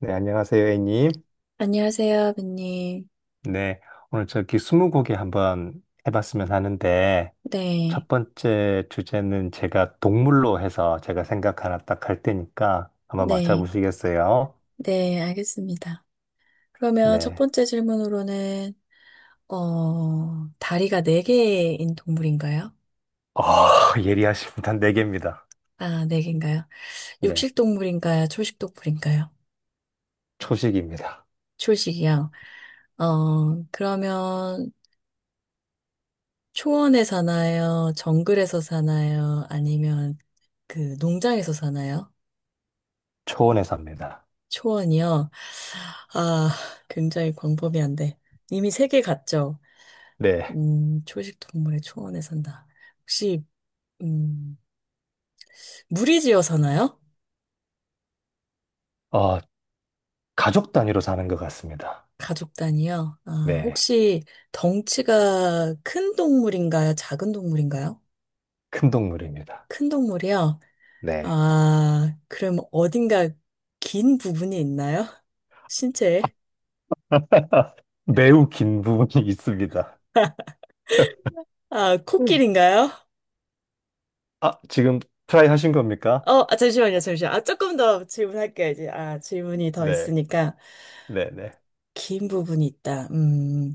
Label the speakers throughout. Speaker 1: 네, 안녕하세요, A님.
Speaker 2: 안녕하세요, 아버님.
Speaker 1: 네, 오늘 저기 스무고개 한번 해봤으면 하는데,
Speaker 2: 네,
Speaker 1: 첫 번째 주제는 제가 동물로 해서 제가 생각 하나 딱 할 테니까 한번
Speaker 2: 네,
Speaker 1: 맞춰보시겠어요?
Speaker 2: 네, 알겠습니다. 그러면 첫
Speaker 1: 네.
Speaker 2: 번째 질문으로는, 다리가 네개인 동물인가요?
Speaker 1: 아, 예리하십니다. 네 개입니다.
Speaker 2: 아, 네개인가요?
Speaker 1: 네,
Speaker 2: 육식 동물인가요? 초식 동물인가요?
Speaker 1: 초식입니다.
Speaker 2: 초식이요. 그러면 초원에 사나요? 정글에서 사나요? 아니면 그 농장에서 사나요?
Speaker 1: 초원에 삽니다.
Speaker 2: 초원이요? 아, 굉장히 광범위한데. 이미 세 개 갔죠?
Speaker 1: 네,
Speaker 2: 초식 동물의 초원에 산다. 혹시, 음, 무리지어 사나요?
Speaker 1: 어, 가족 단위로 사는 것 같습니다.
Speaker 2: 가족 단위요? 아,
Speaker 1: 네,
Speaker 2: 혹시 덩치가 큰 동물인가요? 작은 동물인가요?
Speaker 1: 큰 동물입니다.
Speaker 2: 큰 동물이요?
Speaker 1: 네,
Speaker 2: 아, 그럼 어딘가 긴 부분이 있나요? 신체에?
Speaker 1: 매우 긴 부분이 있습니다.
Speaker 2: 아,
Speaker 1: 음.
Speaker 2: 코끼리인가요?
Speaker 1: 아, 지금 트라이 하신 겁니까?
Speaker 2: 잠시만요, 잠시만요. 아, 조금 더 질문할게요, 이제. 아, 질문이 더
Speaker 1: 네,
Speaker 2: 있으니까.
Speaker 1: 네, 네.
Speaker 2: 긴 부분이 있다. 음.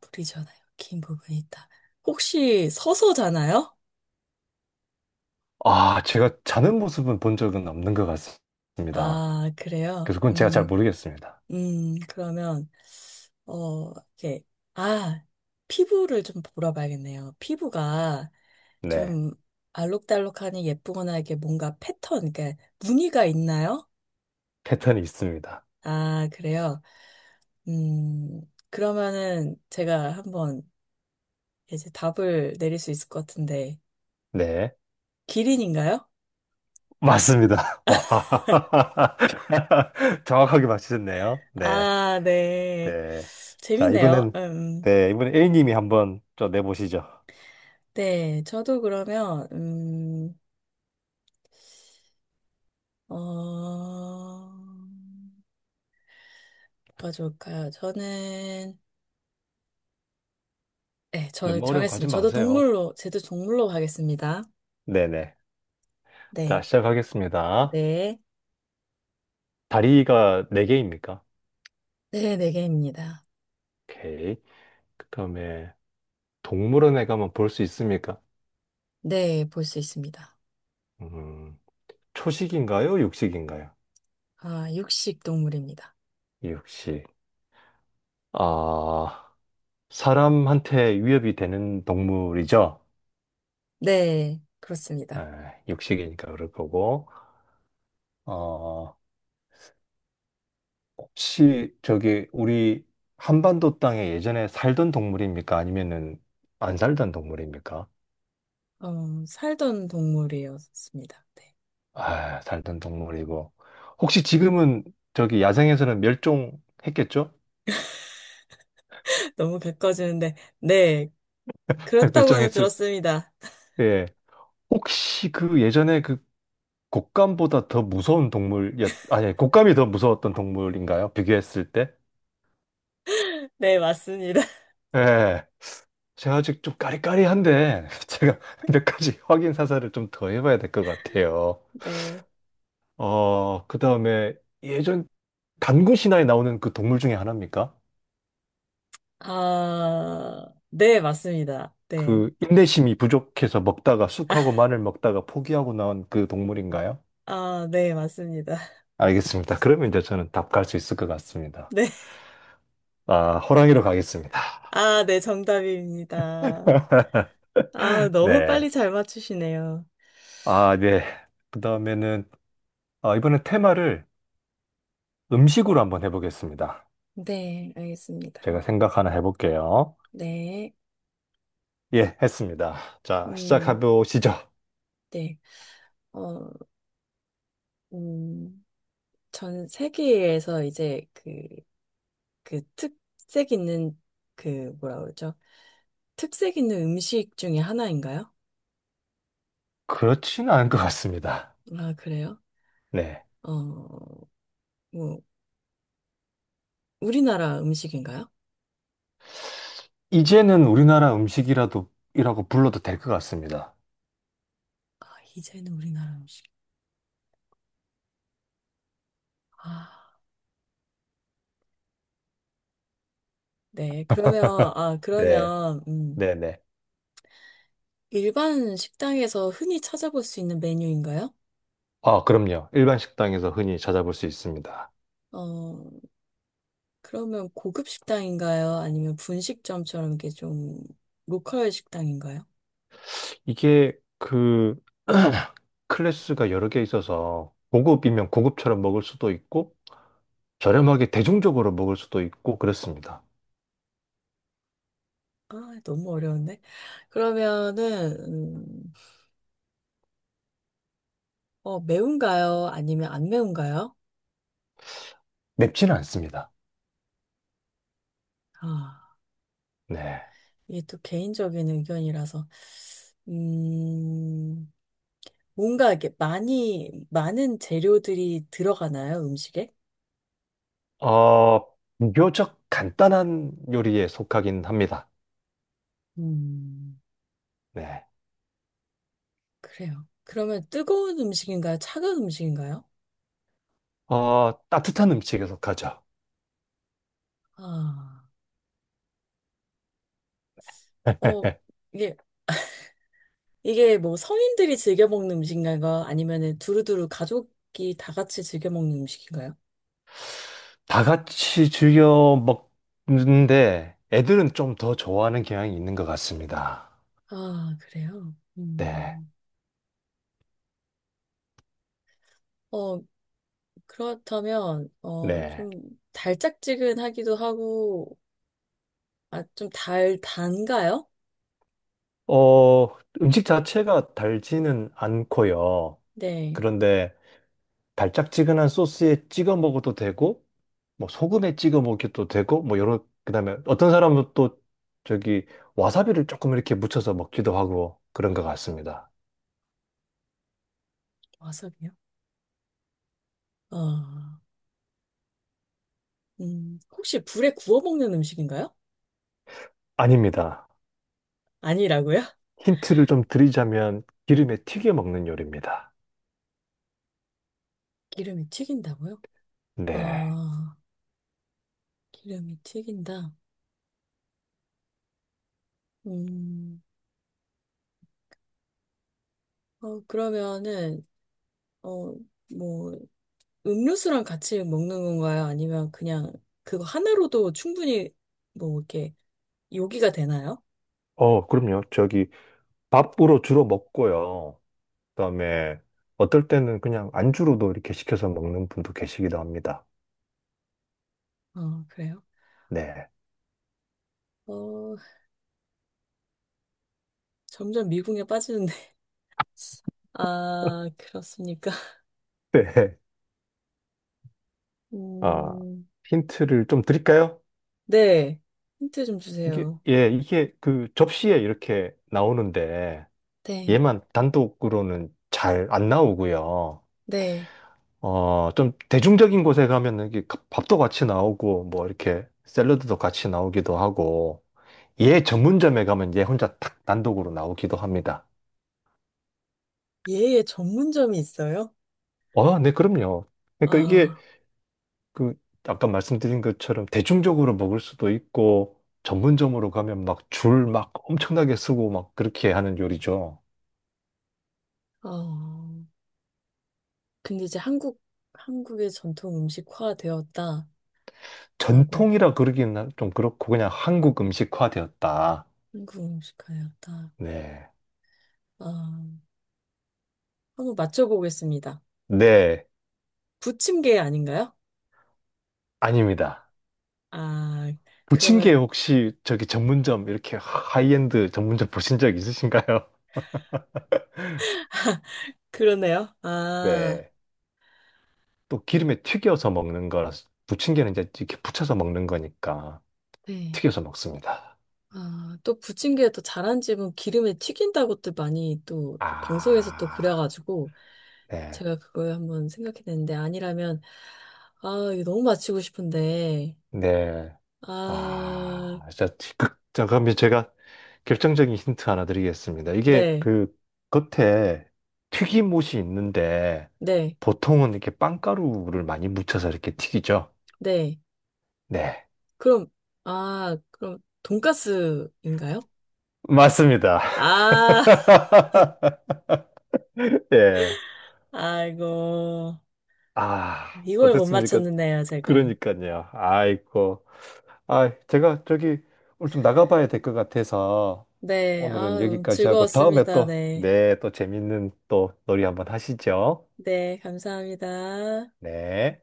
Speaker 2: 뿌리잖아요. 긴 부분이 있다. 혹시 서서잖아요?
Speaker 1: 아, 제가 자는 모습은 본 적은 없는 것 같습니다.
Speaker 2: 아, 그래요?
Speaker 1: 그래서 그건 제가 잘 모르겠습니다.
Speaker 2: 그러면, 어, 이렇게, 아, 피부를 좀 물어봐야겠네요. 피부가
Speaker 1: 네,
Speaker 2: 좀 알록달록하니 예쁘거나 이게 뭔가 패턴, 그러니까 무늬가 있나요?
Speaker 1: 패턴이 있습니다.
Speaker 2: 아, 그래요? 음, 그러면은 제가 한번 이제 답을 내릴 수 있을 것 같은데,
Speaker 1: 네,
Speaker 2: 기린인가요?
Speaker 1: 맞습니다. 와, 정확하게 맞히셨네요. 네,
Speaker 2: 아, 네.
Speaker 1: 네. 자,
Speaker 2: 재밌네요.
Speaker 1: 이번엔, 네, 이번엔 A님이 한번 좀 내보시죠.
Speaker 2: 네. 저도 그러면, 어, 뭐가 좋을까요? 저는, 네, 저
Speaker 1: 너무 어려운 거 하지
Speaker 2: 정했습니다. 저도
Speaker 1: 마세요.
Speaker 2: 동물로, 제도 동물로 가겠습니다.
Speaker 1: 네네.
Speaker 2: 네.
Speaker 1: 자, 시작하겠습니다.
Speaker 2: 네.
Speaker 1: 다리가 네개입니까?
Speaker 2: 네, 네 개입니다.
Speaker 1: 오케이. 그 다음에, 동물원에 가면 볼 수 있습니까?
Speaker 2: 네, 볼 수 있습니다.
Speaker 1: 음. 초식인가요? 육식인가요?
Speaker 2: 아, 육식 동물입니다.
Speaker 1: 육식. 아, 사람한테 위협이 되는 동물이죠?
Speaker 2: 네, 그렇습니다.
Speaker 1: 에, 육식이니까 그럴 거고. 어, 혹시 저기 우리 한반도 땅에 예전에 살던 동물입니까? 아니면은 안 살던 동물입니까?
Speaker 2: 어, 살던 동물이었습니다. 네.
Speaker 1: 아, 살던 동물이고. 혹시 지금은 저기 야생에서는 멸종했겠죠?
Speaker 2: 너무 가까워지는데, 네. 그렇다고는
Speaker 1: 멸종했을,
Speaker 2: 들었습니다.
Speaker 1: 예. 혹시 그 예전에 그 곶감보다 더 무서운 동물이었, 아니, 곶감이 더 무서웠던 동물인가요? 비교했을 때?
Speaker 2: 네, 맞습니다.
Speaker 1: 예. 제가 아직 좀 까리까리한데, 제가 몇 가지 확인 사살을 좀 더 해봐야 될 것 같아요.
Speaker 2: 네.
Speaker 1: 그 다음에 예전 단군 신화에 나오는 그 동물 중에 하나입니까?
Speaker 2: 아, 네, 맞습니다. 네.
Speaker 1: 그 인내심이 부족해서 먹다가 쑥하고 마늘 먹다가 포기하고 나온 그 동물인가요?
Speaker 2: 아, 네, 맞습니다.
Speaker 1: 알겠습니다. 그러면 이제 저는 답 갈 수 있을 것 같습니다.
Speaker 2: 네.
Speaker 1: 아, 호랑이로 가겠습니다.
Speaker 2: 아, 네, 정답입니다. 아, 너무
Speaker 1: 네.
Speaker 2: 빨리 잘 맞추시네요.
Speaker 1: 아, 네. 그다음에는, 아, 이번엔 테마를 음식으로 한번 해보겠습니다.
Speaker 2: 네,
Speaker 1: 제가
Speaker 2: 알겠습니다.
Speaker 1: 생각 하나 해볼게요.
Speaker 2: 네.
Speaker 1: 예, 했습니다. 자, 시작해
Speaker 2: 음,
Speaker 1: 보시죠.
Speaker 2: 네. 어, 음, 전 세계에서 이제 그, 그 특색 있는 그 뭐라 그러죠? 특색 있는 음식 중에 하나인가요?
Speaker 1: 그렇지는 않을 것 같습니다.
Speaker 2: 아, 그래요?
Speaker 1: 네.
Speaker 2: 어, 뭐, 우리나라 음식인가요?
Speaker 1: 이제는 우리나라 음식이라도 이라고 불러도 될 것 같습니다.
Speaker 2: 아, 이제는 우리나라 음식. 아, 네. 그러면, 아,
Speaker 1: 네.
Speaker 2: 그러면,
Speaker 1: 네네.
Speaker 2: 일반 식당에서 흔히 찾아볼 수 있는 메뉴인가요?
Speaker 1: 아, 그럼요. 일반 식당에서 흔히 찾아볼 수 있습니다.
Speaker 2: 어, 그러면 고급 식당인가요? 아니면 분식점처럼 이게 좀 로컬 식당인가요?
Speaker 1: 이게 그 클래스가 여러 개 있어서 고급이면 고급처럼 먹을 수도 있고 저렴하게 대중적으로 먹을 수도 있고 그렇습니다.
Speaker 2: 아, 너무 어려운데. 그러면은, 매운가요? 아니면 안 매운가요?
Speaker 1: 맵지는 않습니다.
Speaker 2: 아.
Speaker 1: 네.
Speaker 2: 이게 또 개인적인 의견이라서, 음, 뭔가 이렇게 많이, 많은 재료들이 들어가나요, 음식에?
Speaker 1: 어, 비교적 간단한 요리에 속하긴 합니다.
Speaker 2: 음,
Speaker 1: 네.
Speaker 2: 그래요. 그러면 뜨거운 음식인가요? 차가운 음식인가요?
Speaker 1: 따뜻한 음식에 속하죠.
Speaker 2: 아, 어, 이게, 이게 뭐 성인들이 즐겨 먹는 음식인가요? 아니면은 두루두루 가족이 다 같이 즐겨 먹는 음식인가요?
Speaker 1: 다 같이 즐겨 먹는데 애들은 좀 더 좋아하는 경향이 있는 것 같습니다.
Speaker 2: 아, 그래요?
Speaker 1: 네.
Speaker 2: 어, 그렇다면, 어,
Speaker 1: 네.
Speaker 2: 좀 달짝지근하기도 하고, 아, 좀 달, 단가요?
Speaker 1: 어, 음식 자체가 달지는 않고요.
Speaker 2: 네.
Speaker 1: 그런데 달짝지근한 소스에 찍어 먹어도 되고 뭐 소금에 찍어 먹기도 되고 뭐 여러 그다음에 어떤 사람은 또 저기 와사비를 조금 이렇게 묻혀서 먹기도 하고 그런 것 같습니다.
Speaker 2: 와사비요? 아, 혹시 불에 구워 먹는 음식인가요?
Speaker 1: 아닙니다.
Speaker 2: 아니라고요?
Speaker 1: 힌트를 좀 드리자면 기름에 튀겨 먹는 요리입니다.
Speaker 2: 기름이 튀긴다고요?
Speaker 1: 네.
Speaker 2: 아, 기름이 튀긴다. 음, 어, 그러면은, 어, 뭐, 음료수랑 같이 먹는 건가요? 아니면 그냥 그거 하나로도 충분히 뭐, 이렇게 요기가 되나요?
Speaker 1: 그럼요. 저기 밥으로 주로 먹고요. 그다음에 어떨 때는 그냥 안주로도 이렇게 시켜서 먹는 분도 계시기도 합니다.
Speaker 2: 어, 그래요?
Speaker 1: 네.
Speaker 2: 어, 점점 미궁에 빠지는데. 아, 그렇습니까?
Speaker 1: 네. 아,
Speaker 2: 음,
Speaker 1: 힌트를 좀 드릴까요?
Speaker 2: 네. 힌트 좀
Speaker 1: 이게,
Speaker 2: 주세요.
Speaker 1: 예, 이게 그 접시에 이렇게 나오는데,
Speaker 2: 네,
Speaker 1: 얘만 단독으로는 잘 안 나오고요.
Speaker 2: 네.
Speaker 1: 좀 대중적인 곳에 가면 이게 밥도 같이 나오고 뭐 이렇게 샐러드도 같이 나오기도 하고 얘 전문점에 가면 얘 혼자 탁 단독으로 나오기도 합니다.
Speaker 2: 예의 전문점이 있어요?
Speaker 1: 네, 그럼요. 그러니까 이게
Speaker 2: 아,
Speaker 1: 그 아까 말씀드린 것처럼 대중적으로 먹을 수도 있고 전문점으로 가면 막 줄 막 엄청나게 쓰고 막 그렇게 하는 요리죠.
Speaker 2: 어. 근데 이제 한국, 한국의 전통 음식화 되었다라고.
Speaker 1: 전통이라 그러기는 좀 그렇고 그냥 한국 음식화 되었다.
Speaker 2: 한국 음식화였다.
Speaker 1: 네.
Speaker 2: 아, 한번 맞춰보겠습니다.
Speaker 1: 네.
Speaker 2: 부침개 아닌가요?
Speaker 1: 아닙니다.
Speaker 2: 아, 그러면,
Speaker 1: 부침개 혹시 저기 전문점 이렇게 하이엔드 전문점 보신 적 있으신가요?
Speaker 2: 그러네요. 아,
Speaker 1: 네. 또 기름에 튀겨서 먹는 거라서 부침개는 이제 이렇게 부쳐서 먹는 거니까
Speaker 2: 네.
Speaker 1: 튀겨서 먹습니다.
Speaker 2: 아, 또 부침개 또 잘한 집은 기름에 튀긴다고들 많이 또 방송에서 또
Speaker 1: 아,
Speaker 2: 그래가지고
Speaker 1: 네.
Speaker 2: 제가 그걸 한번 생각해냈는데 아니라면 아 이거 너무 맞히고 싶은데
Speaker 1: 네.
Speaker 2: 아
Speaker 1: 아, 진짜 자, 그러면 제가 결정적인 힌트 하나 드리겠습니다. 이게
Speaker 2: 네,
Speaker 1: 그 겉에 튀김옷이 있는데
Speaker 2: 네,
Speaker 1: 보통은 이렇게 빵가루를 많이 묻혀서 이렇게 튀기죠.
Speaker 2: 네.
Speaker 1: 네.
Speaker 2: 그럼 아 그럼 돈가스인가요?
Speaker 1: 맞습니다.
Speaker 2: 아
Speaker 1: 예.
Speaker 2: 아이고
Speaker 1: 아,
Speaker 2: 이걸 못
Speaker 1: 어땠습니까?
Speaker 2: 맞췄는데요 제가.
Speaker 1: 그러니까요. 아이고. 아, 제가 저기 오늘 좀 나가봐야 될 것 같아서
Speaker 2: 네, 아
Speaker 1: 오늘은
Speaker 2: 너무
Speaker 1: 여기까지 하고 다음에
Speaker 2: 즐거웠습니다.
Speaker 1: 또,
Speaker 2: 네,
Speaker 1: 네, 또 재밌는 또 놀이 한번 하시죠.
Speaker 2: 네 감사합니다.
Speaker 1: 네.